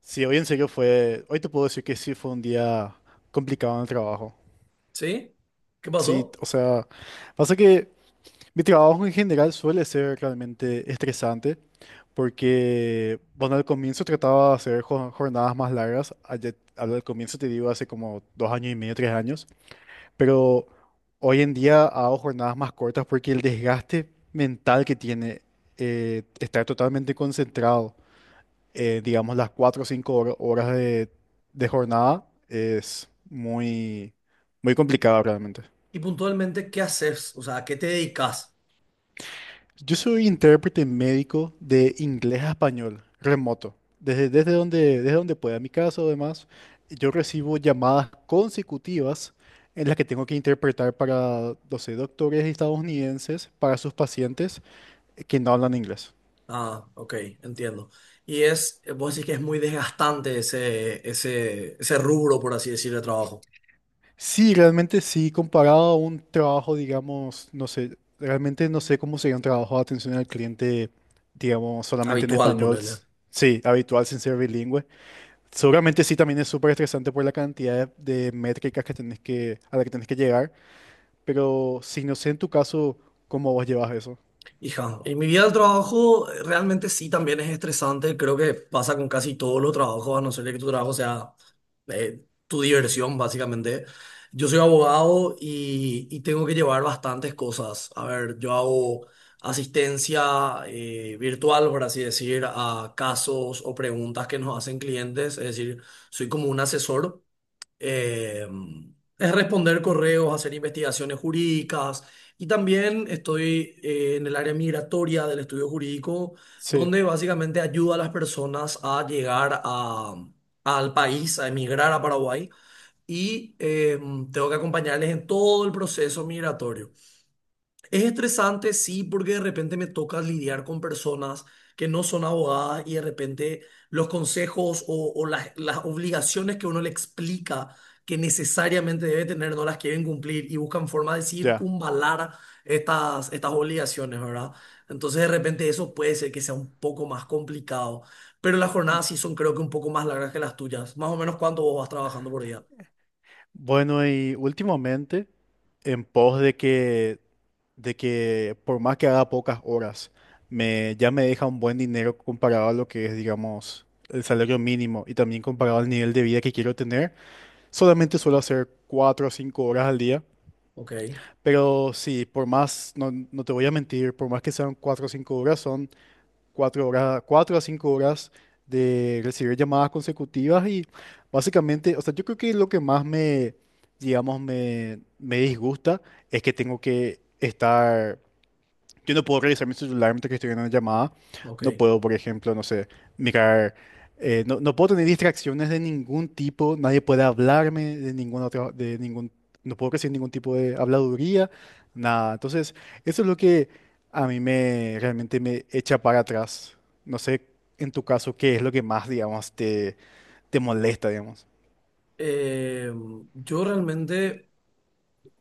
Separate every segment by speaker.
Speaker 1: Sí, hoy en serio fue, hoy te puedo decir que sí fue un día complicado en el trabajo.
Speaker 2: ¿Sí? ¿Qué
Speaker 1: Sí,
Speaker 2: pasó?
Speaker 1: o sea, pasa que mi trabajo en general suele ser realmente estresante porque, bueno, al comienzo trataba de hacer jornadas más largas, al comienzo te digo hace como 2 años y medio, 3 años, pero hoy en día hago jornadas más cortas porque el desgaste mental que tiene estar totalmente concentrado digamos, las 4 o 5 horas de jornada es muy, muy complicada realmente.
Speaker 2: Y puntualmente, ¿qué haces? O sea, ¿a qué te dedicas?
Speaker 1: Yo soy intérprete médico de inglés a español, remoto. Desde donde pueda. En mi caso, además, yo recibo llamadas consecutivas en las que tengo que interpretar para, 12 doctores estadounidenses, para sus pacientes que no hablan inglés.
Speaker 2: Ah, ok, entiendo. Y es, vos decís que es muy desgastante ese rubro, por así decirlo, de trabajo.
Speaker 1: Sí, realmente sí, comparado a un trabajo, digamos, no sé, realmente no sé cómo sería un trabajo de atención al cliente, digamos, solamente en
Speaker 2: Habitual,
Speaker 1: español,
Speaker 2: ponerle.
Speaker 1: sí, habitual sin ser bilingüe. Seguramente sí, también es súper estresante por la cantidad de métricas que tenés que, a la que tenés que llegar, pero sí, no sé en tu caso cómo vos llevas eso.
Speaker 2: Hija, y mi vida del trabajo realmente sí también es estresante. Creo que pasa con casi todos los trabajos, a no ser que tu trabajo sea tu diversión, básicamente. Yo soy abogado y tengo que llevar bastantes cosas. A ver, yo hago asistencia virtual, por así decir, a casos o preguntas que nos hacen clientes. Es decir, soy como un asesor, eh, es responder correos, hacer investigaciones jurídicas y también estoy en el área migratoria del estudio jurídico,
Speaker 1: Sí,
Speaker 2: donde básicamente ayuda a las personas a llegar a, al país, a emigrar a Paraguay y tengo que acompañarles en todo el proceso migratorio. Es estresante, sí, porque de repente me toca lidiar con personas que no son abogadas y de repente los consejos o las obligaciones que uno le explica que necesariamente debe tener no las quieren cumplir y buscan forma de
Speaker 1: ya.
Speaker 2: circunvalar estas obligaciones, ¿verdad? Entonces de repente eso puede ser que sea un poco más complicado, pero las jornadas sí son creo que un poco más largas que las tuyas. Más o menos cuánto vos vas trabajando por día.
Speaker 1: Bueno, y últimamente, en pos de que por más que haga pocas horas, ya me deja un buen dinero comparado a lo que es, digamos, el salario mínimo y también comparado al nivel de vida que quiero tener. Solamente suelo hacer 4 o 5 horas al día,
Speaker 2: Ok,
Speaker 1: pero sí, por más, no, no te voy a mentir, por más que sean 4 o 5 horas, son 4 horas, 4 a 5 horas de recibir llamadas consecutivas y básicamente, o sea, yo creo que lo que más digamos, me disgusta es que tengo que estar yo no puedo revisar mi celular mientras que estoy en una llamada.
Speaker 2: ok.
Speaker 1: No puedo, por ejemplo, no sé, mirar. No no, puedo tener distracciones de ningún tipo. Nadie puede hablarme de ningún otro, de ningún. No puedo recibir ningún tipo de habladuría, nada. Entonces, eso es lo que a mí me realmente me echa para atrás. No sé, en tu caso, qué es lo que más, digamos, te molesta, digamos.
Speaker 2: Yo realmente...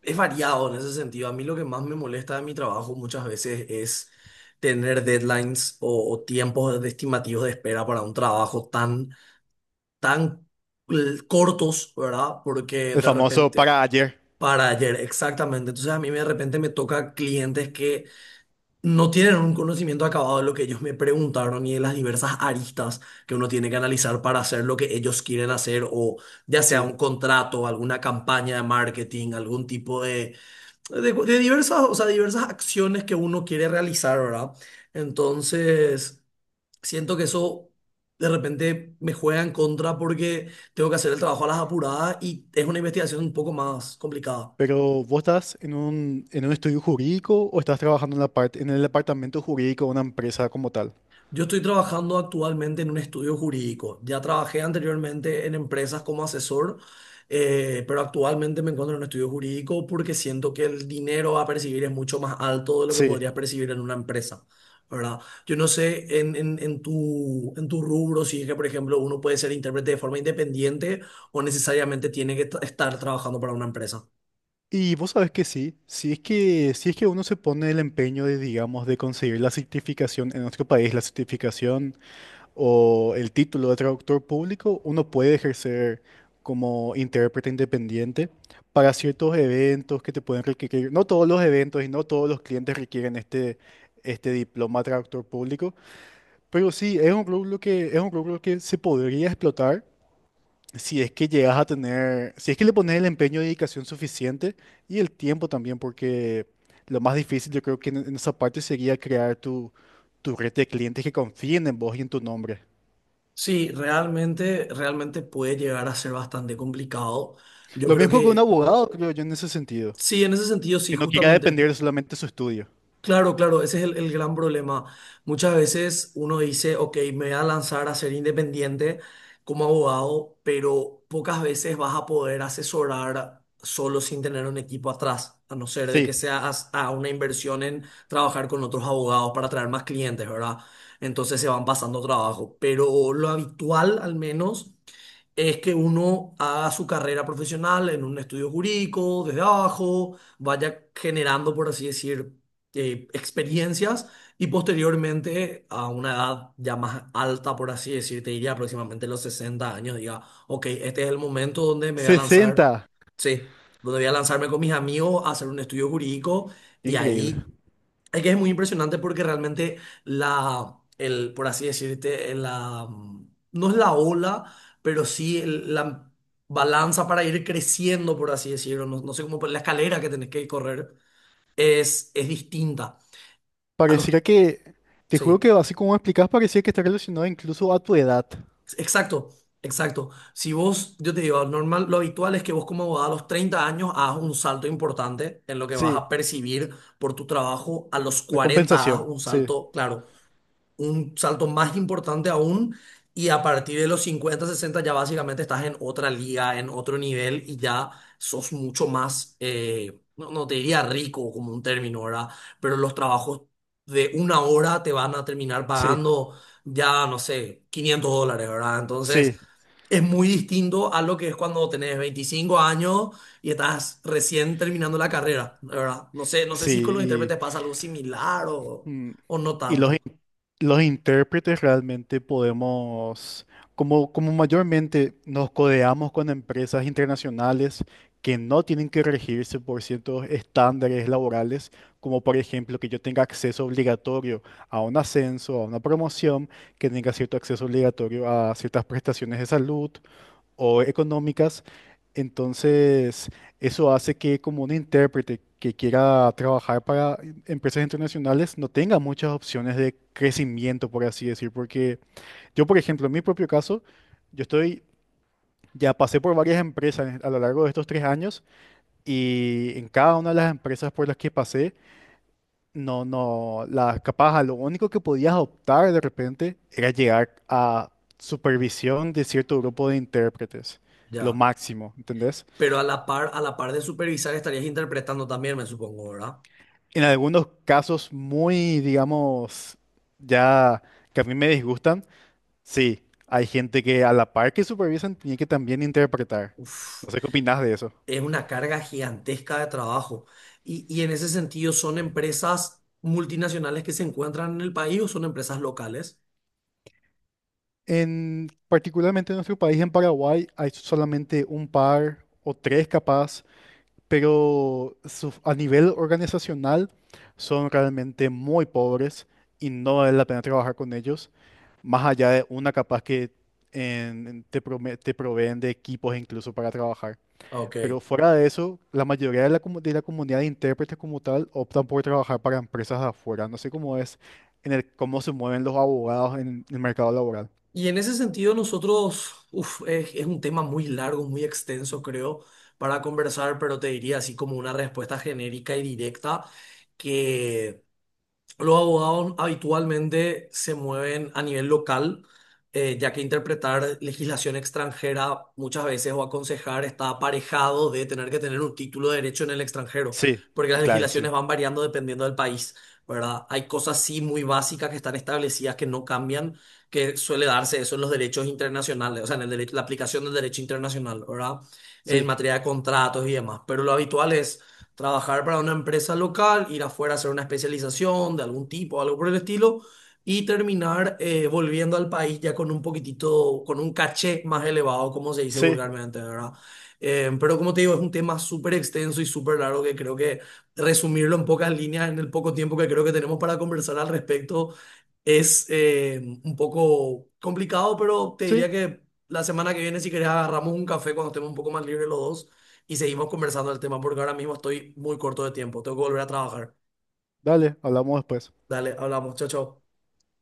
Speaker 2: Es variado en ese sentido. A mí lo que más me molesta de mi trabajo muchas veces es tener deadlines o tiempos estimativos de espera para un trabajo tan cortos, ¿verdad? Porque
Speaker 1: El
Speaker 2: de
Speaker 1: famoso
Speaker 2: repente,
Speaker 1: para ayer.
Speaker 2: para ayer, exactamente. Entonces a mí de repente me toca clientes que no tienen un conocimiento acabado de lo que ellos me preguntaron y de las diversas aristas que uno tiene que analizar para hacer lo que ellos quieren hacer o ya sea
Speaker 1: Sí.
Speaker 2: un contrato, alguna campaña de marketing, algún tipo de de diversas, o sea, diversas acciones que uno quiere realizar, ¿verdad? Entonces, siento que eso de repente me juega en contra porque tengo que hacer el trabajo a las apuradas y es una investigación un poco más complicada.
Speaker 1: Pero ¿vos estás en un estudio jurídico o estás trabajando en la parte, en el departamento jurídico de una empresa como tal?
Speaker 2: Yo estoy trabajando actualmente en un estudio jurídico. Ya trabajé anteriormente en empresas como asesor, pero actualmente me encuentro en un estudio jurídico porque siento que el dinero a percibir es mucho más alto de lo que
Speaker 1: Sí.
Speaker 2: podrías percibir en una empresa, ¿verdad? Yo no sé en tu rubro si es que, por ejemplo, uno puede ser intérprete de forma independiente o necesariamente tiene que estar trabajando para una empresa.
Speaker 1: Y vos sabés que sí, si es que uno se pone el empeño de, digamos, de conseguir la certificación en nuestro país, la certificación o el título de traductor público, uno puede ejercer como intérprete independiente para ciertos eventos que te pueden requerir. No todos los eventos y no todos los clientes requieren este, este diploma de traductor público. Pero sí, es un rubro es un rubro que se podría explotar si es que llegas a tener, si es que le pones el empeño y dedicación suficiente y el tiempo también, porque lo más difícil yo creo que en esa parte sería crear tu red de clientes que confíen en vos y en tu nombre.
Speaker 2: Sí, realmente, realmente puede llegar a ser bastante complicado. Yo
Speaker 1: Lo
Speaker 2: creo
Speaker 1: mismo que un
Speaker 2: que.
Speaker 1: abogado, creo yo, en ese sentido,
Speaker 2: Sí, en ese sentido, sí,
Speaker 1: que no quiera
Speaker 2: justamente.
Speaker 1: depender solamente de su estudio.
Speaker 2: Claro, claro, ese es el gran problema. Muchas veces uno dice, ok, me voy a lanzar a ser independiente como abogado, pero pocas veces vas a poder asesorar solo sin tener un equipo atrás, a no ser de
Speaker 1: Sí,
Speaker 2: que sea a una inversión en trabajar con otros abogados para traer más clientes, ¿verdad? Entonces se van pasando trabajo, pero lo habitual al menos es que uno haga su carrera profesional en un estudio jurídico, desde abajo, vaya generando, por así decir, experiencias y posteriormente a una edad ya más alta, por así decir, te diría aproximadamente los 60 años, diga, ok, este es el momento donde me voy a lanzar,
Speaker 1: 60,
Speaker 2: sí, donde voy a lanzarme con mis amigos a hacer un estudio jurídico y
Speaker 1: increíble.
Speaker 2: ahí... Es que es muy impresionante porque realmente la, el, por así decirte, la, no es la ola, pero sí la balanza para ir creciendo, por así decirlo, no, no sé cómo, la escalera que tenés que correr es distinta a los,
Speaker 1: Pareciera que, te juro
Speaker 2: sí,
Speaker 1: que así como explicás, parecía que está relacionado incluso a tu edad.
Speaker 2: exacto, exacto. Si vos, yo te digo, normal, lo habitual es que vos como abogado a los 30 años hagas un salto importante en lo que vas
Speaker 1: Sí,
Speaker 2: a percibir por tu trabajo, a los
Speaker 1: la
Speaker 2: 40 hagas
Speaker 1: compensación,
Speaker 2: un
Speaker 1: sí.
Speaker 2: salto, claro un salto más importante aún y a partir de los 50, 60 ya básicamente estás en otra liga, en otro nivel y ya sos mucho más, no, no te diría rico como un término, ¿verdad? Pero los trabajos de una hora te van a terminar
Speaker 1: Sí,
Speaker 2: pagando ya, no sé, $500, ¿verdad? Entonces...
Speaker 1: sí,
Speaker 2: Es muy distinto a lo que es cuando tenés 25 años y estás recién terminando la carrera, ¿verdad? No sé, no sé si con los
Speaker 1: sí.
Speaker 2: intérpretes pasa algo similar o,
Speaker 1: Y,
Speaker 2: o no
Speaker 1: y los,
Speaker 2: tanto.
Speaker 1: los intérpretes realmente podemos, como, como mayormente nos codeamos con empresas internacionales que no tienen que regirse por ciertos estándares laborales, como por ejemplo que yo tenga acceso obligatorio a un ascenso, a una promoción, que tenga cierto acceso obligatorio a ciertas prestaciones de salud o económicas. Entonces, eso hace que como un intérprete que quiera trabajar para empresas internacionales no tenga muchas opciones de crecimiento, por así decir, porque yo, por ejemplo, en mi propio caso, yo estoy, ya pasé por varias empresas a lo largo de estos 3 años y en cada una de las empresas por las que pasé, no, no, la capaz, lo único que podías optar de repente era llegar a supervisión de cierto grupo de intérpretes, lo
Speaker 2: Ya.
Speaker 1: máximo, ¿entendés?
Speaker 2: Pero a la par de supervisar estarías interpretando también, me supongo, ¿verdad?
Speaker 1: En algunos casos muy, digamos, ya que a mí me disgustan, sí, hay gente que a la par que supervisan tiene que también interpretar.
Speaker 2: Uf,
Speaker 1: No sé qué opinás de eso.
Speaker 2: es una carga gigantesca de trabajo. Y en ese sentido, ¿son empresas multinacionales que se encuentran en el país o son empresas locales?
Speaker 1: En particularmente en nuestro país, en Paraguay, hay solamente un par o tres capaz, pero a nivel organizacional son realmente muy pobres y no vale la pena trabajar con ellos, más allá de una capaz que te proveen de equipos incluso para trabajar.
Speaker 2: Ok.
Speaker 1: Pero fuera de eso, la mayoría de la, de la comunidad de intérpretes como tal optan por trabajar para empresas de afuera. No sé cómo es en el cómo se mueven los abogados en el mercado laboral.
Speaker 2: Y en ese sentido, nosotros, uf, es un tema muy largo, muy extenso, creo, para conversar, pero te diría así como una respuesta genérica y directa que... Los abogados habitualmente se mueven a nivel local, ya que interpretar legislación extranjera muchas veces o aconsejar está aparejado de tener que tener un título de derecho en el extranjero,
Speaker 1: Sí,
Speaker 2: porque
Speaker 1: y
Speaker 2: las
Speaker 1: claro, sí.
Speaker 2: legislaciones van variando dependiendo del país, ¿verdad? Hay cosas sí muy básicas que están establecidas que no cambian, que suele darse eso en los derechos internacionales, o sea, en la aplicación del derecho internacional, ¿verdad? En
Speaker 1: Sí,
Speaker 2: materia de contratos y demás, pero lo habitual es trabajar para una empresa local, ir afuera a hacer una especialización de algún tipo, algo por el estilo, y terminar volviendo al país ya con un poquitito, con un caché más elevado, como se dice
Speaker 1: sí,
Speaker 2: vulgarmente, ¿verdad? Pero como te digo, es un tema súper extenso y súper largo que creo que resumirlo en pocas líneas, en el poco tiempo que creo que tenemos para conversar al respecto, es un poco complicado, pero te diría
Speaker 1: sí.
Speaker 2: que la semana que viene, si querés, agarramos un café cuando estemos un poco más libres los dos y seguimos conversando del tema porque ahora mismo estoy muy corto de tiempo. Tengo que volver a trabajar.
Speaker 1: Dale, hablamos después.
Speaker 2: Dale, hablamos. Chao, chao.